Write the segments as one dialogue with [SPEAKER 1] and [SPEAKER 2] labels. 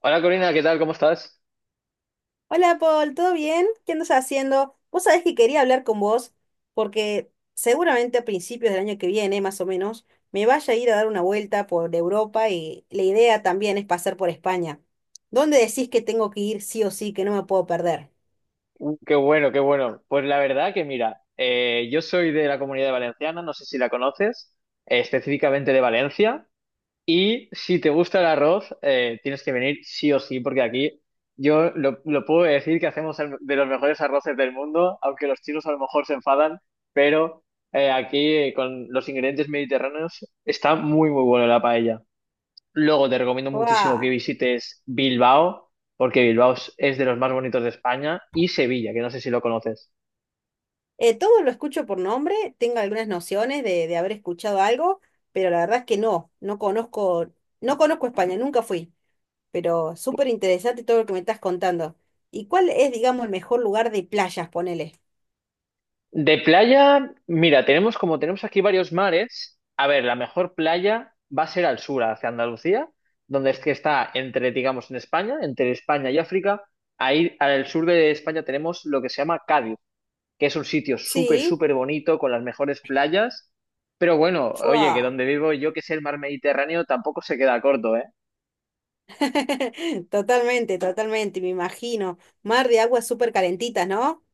[SPEAKER 1] Hola Corina, ¿qué tal? ¿Cómo estás?
[SPEAKER 2] Hola Paul, ¿todo bien? ¿Qué andas haciendo? Vos sabés que quería hablar con vos porque seguramente a principios del año que viene, más o menos, me vaya a ir a dar una vuelta por Europa y la idea también es pasar por España. ¿Dónde decís que tengo que ir sí o sí, que no me puedo perder?
[SPEAKER 1] Qué bueno, qué bueno. Pues la verdad que mira, yo soy de la Comunidad Valenciana, no sé si la conoces, específicamente de Valencia, y si te gusta el arroz, tienes que venir sí o sí, porque aquí yo lo puedo decir que hacemos el- de los mejores arroces del mundo, aunque los chinos a lo mejor se enfadan, pero aquí con los ingredientes mediterráneos está muy, muy bueno la paella. Luego te recomiendo muchísimo que
[SPEAKER 2] ¡Buah!
[SPEAKER 1] visites Bilbao, porque Bilbao es de los más bonitos de España, y Sevilla, que no sé si lo conoces.
[SPEAKER 2] Todo lo escucho por nombre, tengo algunas nociones de haber escuchado algo, pero la verdad es que no conozco, no conozco España, nunca fui. Pero súper interesante todo lo que me estás contando. ¿Y cuál es, digamos, el mejor lugar de playas, ponele?
[SPEAKER 1] De playa, mira, tenemos como tenemos aquí varios mares, a ver, la mejor playa va a ser al sur, hacia Andalucía, donde es que está entre, digamos, en España, entre España y África. Ahí al sur de España tenemos lo que se llama Cádiz, que es un sitio súper,
[SPEAKER 2] Sí,
[SPEAKER 1] súper bonito, con las mejores playas. Pero bueno, oye, que
[SPEAKER 2] ¡fua!
[SPEAKER 1] donde vivo yo, que es el mar Mediterráneo, tampoco se queda corto, ¿eh?
[SPEAKER 2] Totalmente, totalmente, me imagino. Mar de aguas súper calentitas, ¿no?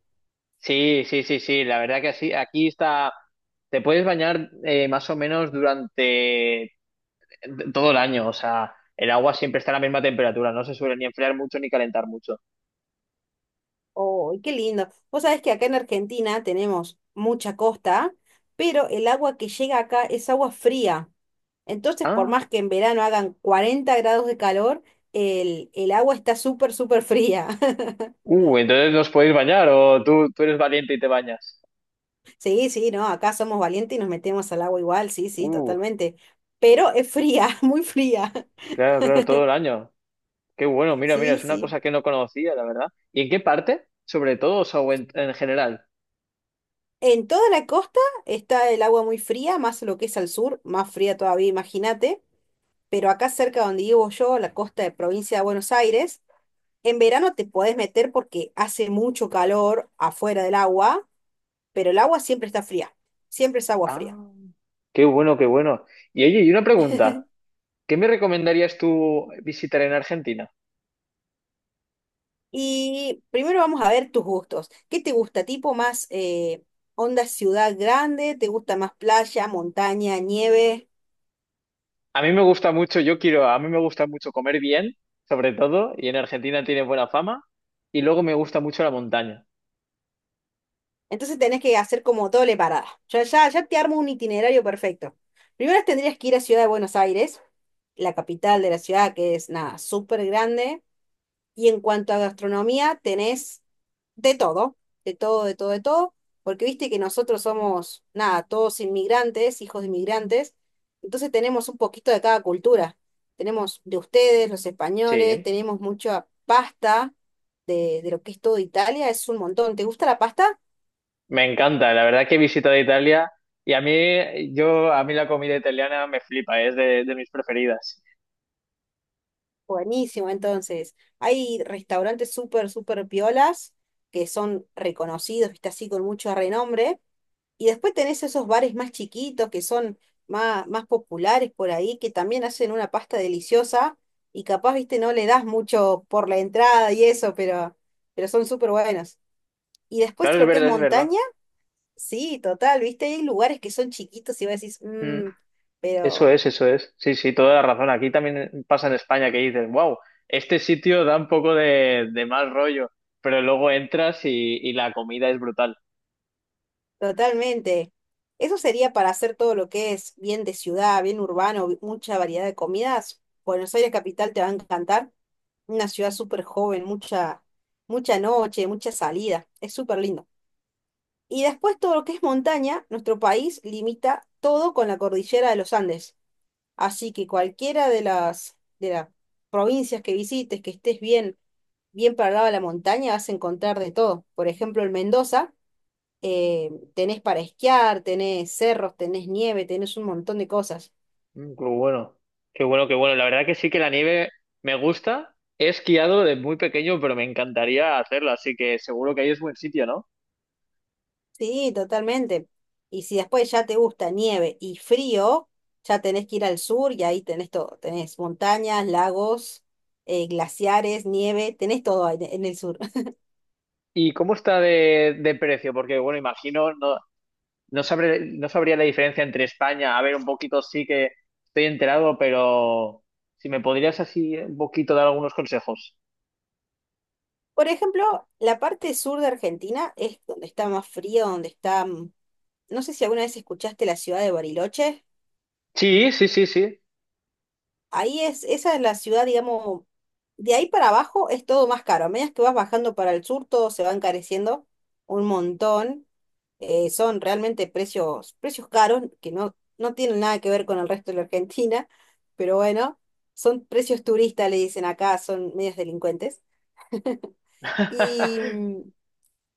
[SPEAKER 1] Sí, sí, sí, sí, la verdad que así, aquí está, te puedes bañar más o menos durante todo el año, o sea, el agua siempre está a la misma temperatura, no se suele ni enfriar mucho ni calentar mucho.
[SPEAKER 2] ¡Oh, qué lindo! Vos sabés que acá en Argentina tenemos mucha costa, pero el agua que llega acá es agua fría. Entonces, por
[SPEAKER 1] Ah,
[SPEAKER 2] más que en verano hagan 40 grados de calor, el agua está súper, súper fría.
[SPEAKER 1] entonces nos podéis bañar o tú eres valiente y te bañas.
[SPEAKER 2] Sí, sí, no, acá somos valientes y nos metemos al agua igual, sí, sí,
[SPEAKER 1] Uh,
[SPEAKER 2] totalmente. Pero es fría, muy fría.
[SPEAKER 1] claro, claro, todo el año. Qué bueno, mira, mira,
[SPEAKER 2] Sí,
[SPEAKER 1] es una
[SPEAKER 2] sí.
[SPEAKER 1] cosa que no conocía, la verdad. ¿Y en qué parte? Sobre todo, o sea, o en general.
[SPEAKER 2] En toda la costa está el agua muy fría, más lo que es al sur, más fría todavía, imagínate. Pero acá cerca donde vivo yo, la costa de provincia de Buenos Aires, en verano te podés meter porque hace mucho calor afuera del agua, pero el agua siempre está fría, siempre es agua fría.
[SPEAKER 1] Ah, qué bueno, qué bueno. Y oye, y una pregunta, ¿qué me recomendarías tú visitar en Argentina?
[SPEAKER 2] Y primero vamos a ver tus gustos. ¿Qué te gusta? ¿Tipo más onda ciudad grande? ¿Te gusta más playa, montaña, nieve?
[SPEAKER 1] A mí me gusta mucho, yo quiero, a mí me gusta mucho comer bien, sobre todo, y en Argentina tiene buena fama, y luego me gusta mucho la montaña.
[SPEAKER 2] Entonces tenés que hacer como doble parada. Ya te armo un itinerario perfecto. Primero tendrías que ir a Ciudad de Buenos Aires, la capital de la ciudad, que es nada, súper grande. Y en cuanto a gastronomía, tenés de todo, de todo, de todo, de todo, porque viste que nosotros somos, nada, todos inmigrantes, hijos de inmigrantes, entonces tenemos un poquito de cada cultura. Tenemos de ustedes, los españoles,
[SPEAKER 1] Sí,
[SPEAKER 2] tenemos mucha pasta de lo que es todo Italia, es un montón. ¿Te gusta la pasta?
[SPEAKER 1] me encanta, la verdad que he visitado Italia y a mí, yo, a mí la comida italiana me flipa, es de mis preferidas.
[SPEAKER 2] Buenísimo, entonces. Hay restaurantes súper, súper piolas que son reconocidos, viste así, con mucho renombre. Y después tenés esos bares más chiquitos que son más populares por ahí, que también hacen una pasta deliciosa y capaz, viste, no le das mucho por la entrada y eso, pero son súper buenos. Y después
[SPEAKER 1] Claro, es
[SPEAKER 2] lo que es
[SPEAKER 1] verdad, es verdad.
[SPEAKER 2] montaña, sí, total, viste, hay lugares que son chiquitos y vos decís,
[SPEAKER 1] Mm,
[SPEAKER 2] "Mm",
[SPEAKER 1] eso
[SPEAKER 2] pero
[SPEAKER 1] es, eso es. Sí, sí, toda la razón. Aquí también pasa en España que dices, wow, este sitio da un poco de mal rollo, pero luego entras y la comida es brutal.
[SPEAKER 2] totalmente. Eso sería para hacer todo lo que es bien de ciudad, bien urbano, mucha variedad de comidas. Buenos Aires capital te va a encantar. Una ciudad súper joven, mucha noche, mucha salida. Es súper lindo. Y después todo lo que es montaña, nuestro país limita todo con la cordillera de los Andes. Así que cualquiera de las provincias que visites, que estés bien, bien para el lado de la montaña, vas a encontrar de todo. Por ejemplo, en Mendoza, tenés para esquiar, tenés cerros, tenés nieve, tenés un montón de cosas.
[SPEAKER 1] Mm, qué bueno, qué bueno, qué bueno. La verdad que sí que la nieve me gusta. He esquiado de muy pequeño, pero me encantaría hacerlo, así que seguro que ahí es buen sitio, ¿no?
[SPEAKER 2] Sí, totalmente. Y si después ya te gusta nieve y frío, ya tenés que ir al sur y ahí tenés todo. Tenés montañas, lagos, glaciares, nieve, tenés todo en el sur.
[SPEAKER 1] ¿Y cómo está de precio? Porque, bueno, imagino, no, no sabré- no sabría la diferencia entre España. A ver, un poquito sí que estoy enterado, pero si me podrías así un poquito dar algunos consejos.
[SPEAKER 2] Por ejemplo, la parte sur de Argentina es donde está más frío, donde está... no sé si alguna vez escuchaste la ciudad de Bariloche.
[SPEAKER 1] Sí, sí, sí, sí.
[SPEAKER 2] Ahí es, esa es la ciudad, digamos, de ahí para abajo es todo más caro. A medida que vas bajando para el sur, todo se va encareciendo un montón. Son realmente precios, precios caros que no tienen nada que ver con el resto de la Argentina, pero bueno, son precios turistas, le dicen acá, son medios delincuentes. Y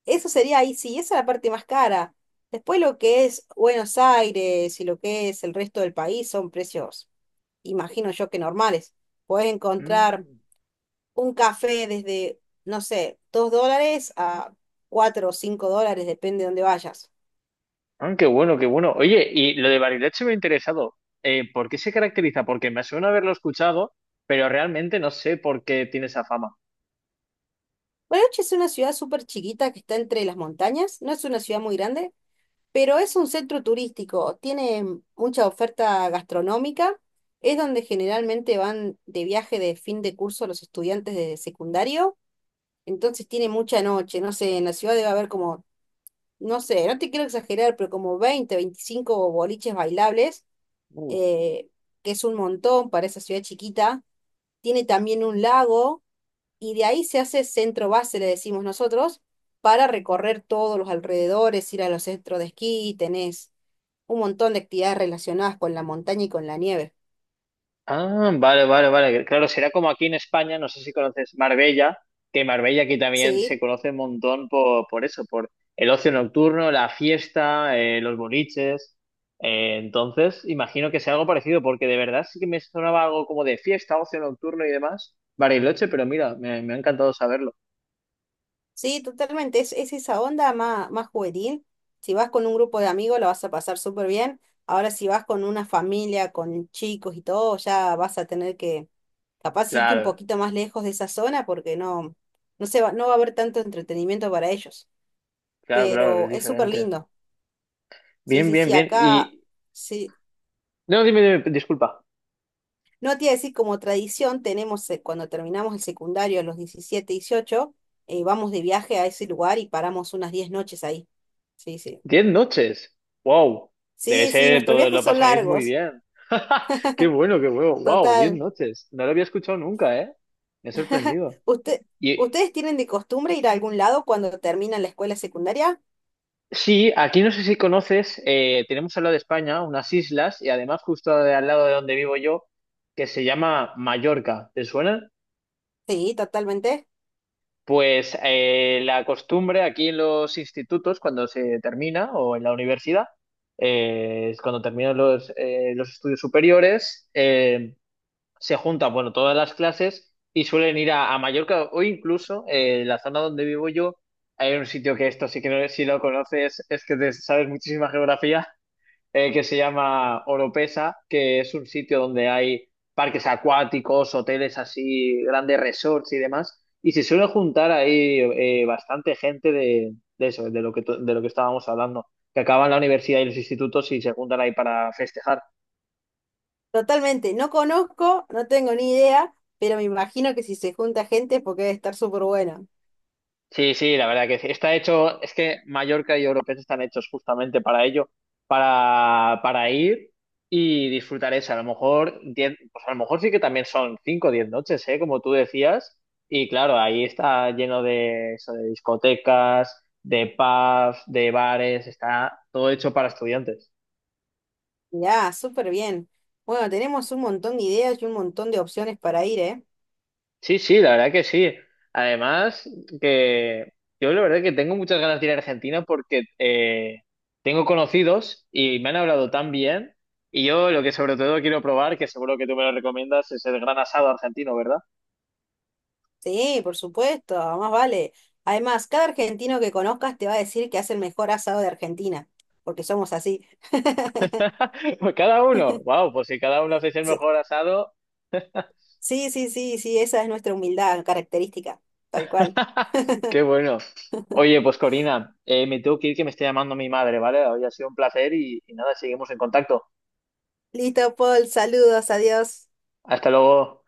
[SPEAKER 2] eso sería ahí, sí, esa es la parte más cara. Después lo que es Buenos Aires y lo que es el resto del país son precios imagino yo que normales. Podés encontrar
[SPEAKER 1] Mm.
[SPEAKER 2] un café desde, no sé, 2 dólares a 4 o 5 dólares, depende de dónde vayas.
[SPEAKER 1] Ah, qué bueno, qué bueno. Oye, y lo de Bariloche me ha interesado. ¿Por qué se caracteriza? Porque me suena haberlo escuchado, pero realmente no sé por qué tiene esa fama.
[SPEAKER 2] Bariloche es una ciudad súper chiquita que está entre las montañas, no es una ciudad muy grande, pero es un centro turístico, tiene mucha oferta gastronómica, es donde generalmente van de viaje de fin de curso los estudiantes de secundario, entonces tiene mucha noche, no sé, en la ciudad debe haber como no sé, no te quiero exagerar, pero como 20, 25 boliches bailables,
[SPEAKER 1] Uh,
[SPEAKER 2] eh, que es un montón para esa ciudad chiquita. Tiene también un lago y de ahí se hace centro base, le decimos nosotros, para recorrer todos los alrededores, ir a los centros de esquí, tenés un montón de actividades relacionadas con la montaña y con la nieve.
[SPEAKER 1] Ah, vale, vale, vale. Claro, será como aquí en España, no sé si conoces Marbella, que Marbella aquí también se
[SPEAKER 2] Sí.
[SPEAKER 1] conoce un montón por eso, por el ocio nocturno, la fiesta, los boliches. Entonces, imagino que sea algo parecido, porque de verdad sí que me sonaba algo como de fiesta, ocio nocturno y demás, Bariloche, pero mira, me ha encantado saberlo.
[SPEAKER 2] Sí, totalmente. Es esa onda más, más juvenil. Si vas con un grupo de amigos, lo vas a pasar súper bien. Ahora, si vas con una familia, con chicos y todo, ya vas a tener que, capaz, irte un
[SPEAKER 1] Claro.
[SPEAKER 2] poquito más lejos de esa zona porque no, no se va, no va a haber tanto entretenimiento para ellos.
[SPEAKER 1] Claro, claro, es
[SPEAKER 2] Pero es súper
[SPEAKER 1] diferente.
[SPEAKER 2] lindo. Sí,
[SPEAKER 1] Bien,
[SPEAKER 2] sí,
[SPEAKER 1] bien,
[SPEAKER 2] sí.
[SPEAKER 1] bien. Y.
[SPEAKER 2] Acá, sí.
[SPEAKER 1] No, dime, dime, disculpa.
[SPEAKER 2] No te iba a decir, como tradición, tenemos cuando terminamos el secundario a los 17, 18 vamos de viaje a ese lugar y paramos unas 10 noches ahí. Sí, sí.
[SPEAKER 1] Diez noches. Wow. Debe
[SPEAKER 2] Sí, sí,
[SPEAKER 1] ser,
[SPEAKER 2] nuestros
[SPEAKER 1] todo lo
[SPEAKER 2] viajes son
[SPEAKER 1] pasaréis muy
[SPEAKER 2] largos,
[SPEAKER 1] bien. Qué bueno, qué bueno. Wow, diez
[SPEAKER 2] total.
[SPEAKER 1] noches. No lo había escuchado nunca, ¿eh? Me ha sorprendido.
[SPEAKER 2] ¿Usted,
[SPEAKER 1] Y
[SPEAKER 2] ustedes tienen de costumbre ir a algún lado cuando terminan la escuela secundaria?
[SPEAKER 1] sí, aquí no sé si conoces, tenemos al lado de España unas islas y además justo de- al lado de donde vivo yo, que se llama Mallorca. ¿Te suena?
[SPEAKER 2] Sí, totalmente.
[SPEAKER 1] Pues la costumbre aquí en los institutos, cuando se termina, o en la universidad, es cuando terminan los estudios superiores, se juntan, bueno, todas las clases y suelen ir a Mallorca o incluso en la zona donde vivo yo, hay un sitio que esto sí que no, si lo conoces es que te sabes muchísima geografía, que se llama Oropesa, que es un sitio donde hay parques acuáticos, hoteles así, grandes resorts y demás. Y se suele juntar ahí bastante gente de eso, de lo que, to- de lo que estábamos hablando, que acaban la universidad y los institutos y se juntan ahí para festejar.
[SPEAKER 2] Totalmente. No conozco, no tengo ni idea, pero me imagino que si se junta gente es porque debe estar súper bueno.
[SPEAKER 1] Sí, sí, la verdad que sí. Está hecho, es que Mallorca y Europees están hechos justamente para ello, para ir y disfrutar eso. A lo mejor, 10 pues a lo mejor sí que también son 5 o 10 noches, ¿eh? Como tú decías. Y claro, ahí está lleno de eso, de discotecas, de pubs, de bares, está todo hecho para estudiantes.
[SPEAKER 2] Ya, súper bien. Bueno, tenemos un montón de ideas y un montón de opciones para ir, ¿eh?
[SPEAKER 1] Sí, sí, la verdad que sí. Además, que yo la verdad que tengo muchas ganas de ir a Argentina porque tengo conocidos y me han hablado tan bien. Y yo lo que sobre todo quiero probar, que seguro que tú me lo recomiendas, es el gran asado argentino, ¿verdad?
[SPEAKER 2] Sí, por supuesto, más vale. Además, cada argentino que conozcas te va a decir que hace el mejor asado de Argentina, porque somos así.
[SPEAKER 1] Pues cada uno. Wow, pues si cada uno hacéis el mejor asado,
[SPEAKER 2] Sí, sí, sí, sí, esa es nuestra humildad característica, tal cual.
[SPEAKER 1] qué bueno. Oye, pues Corina, me tengo que ir que me está llamando mi madre, ¿vale? Hoy ha sido un placer y nada, seguimos en contacto.
[SPEAKER 2] Listo, Paul, saludos, adiós.
[SPEAKER 1] Hasta luego.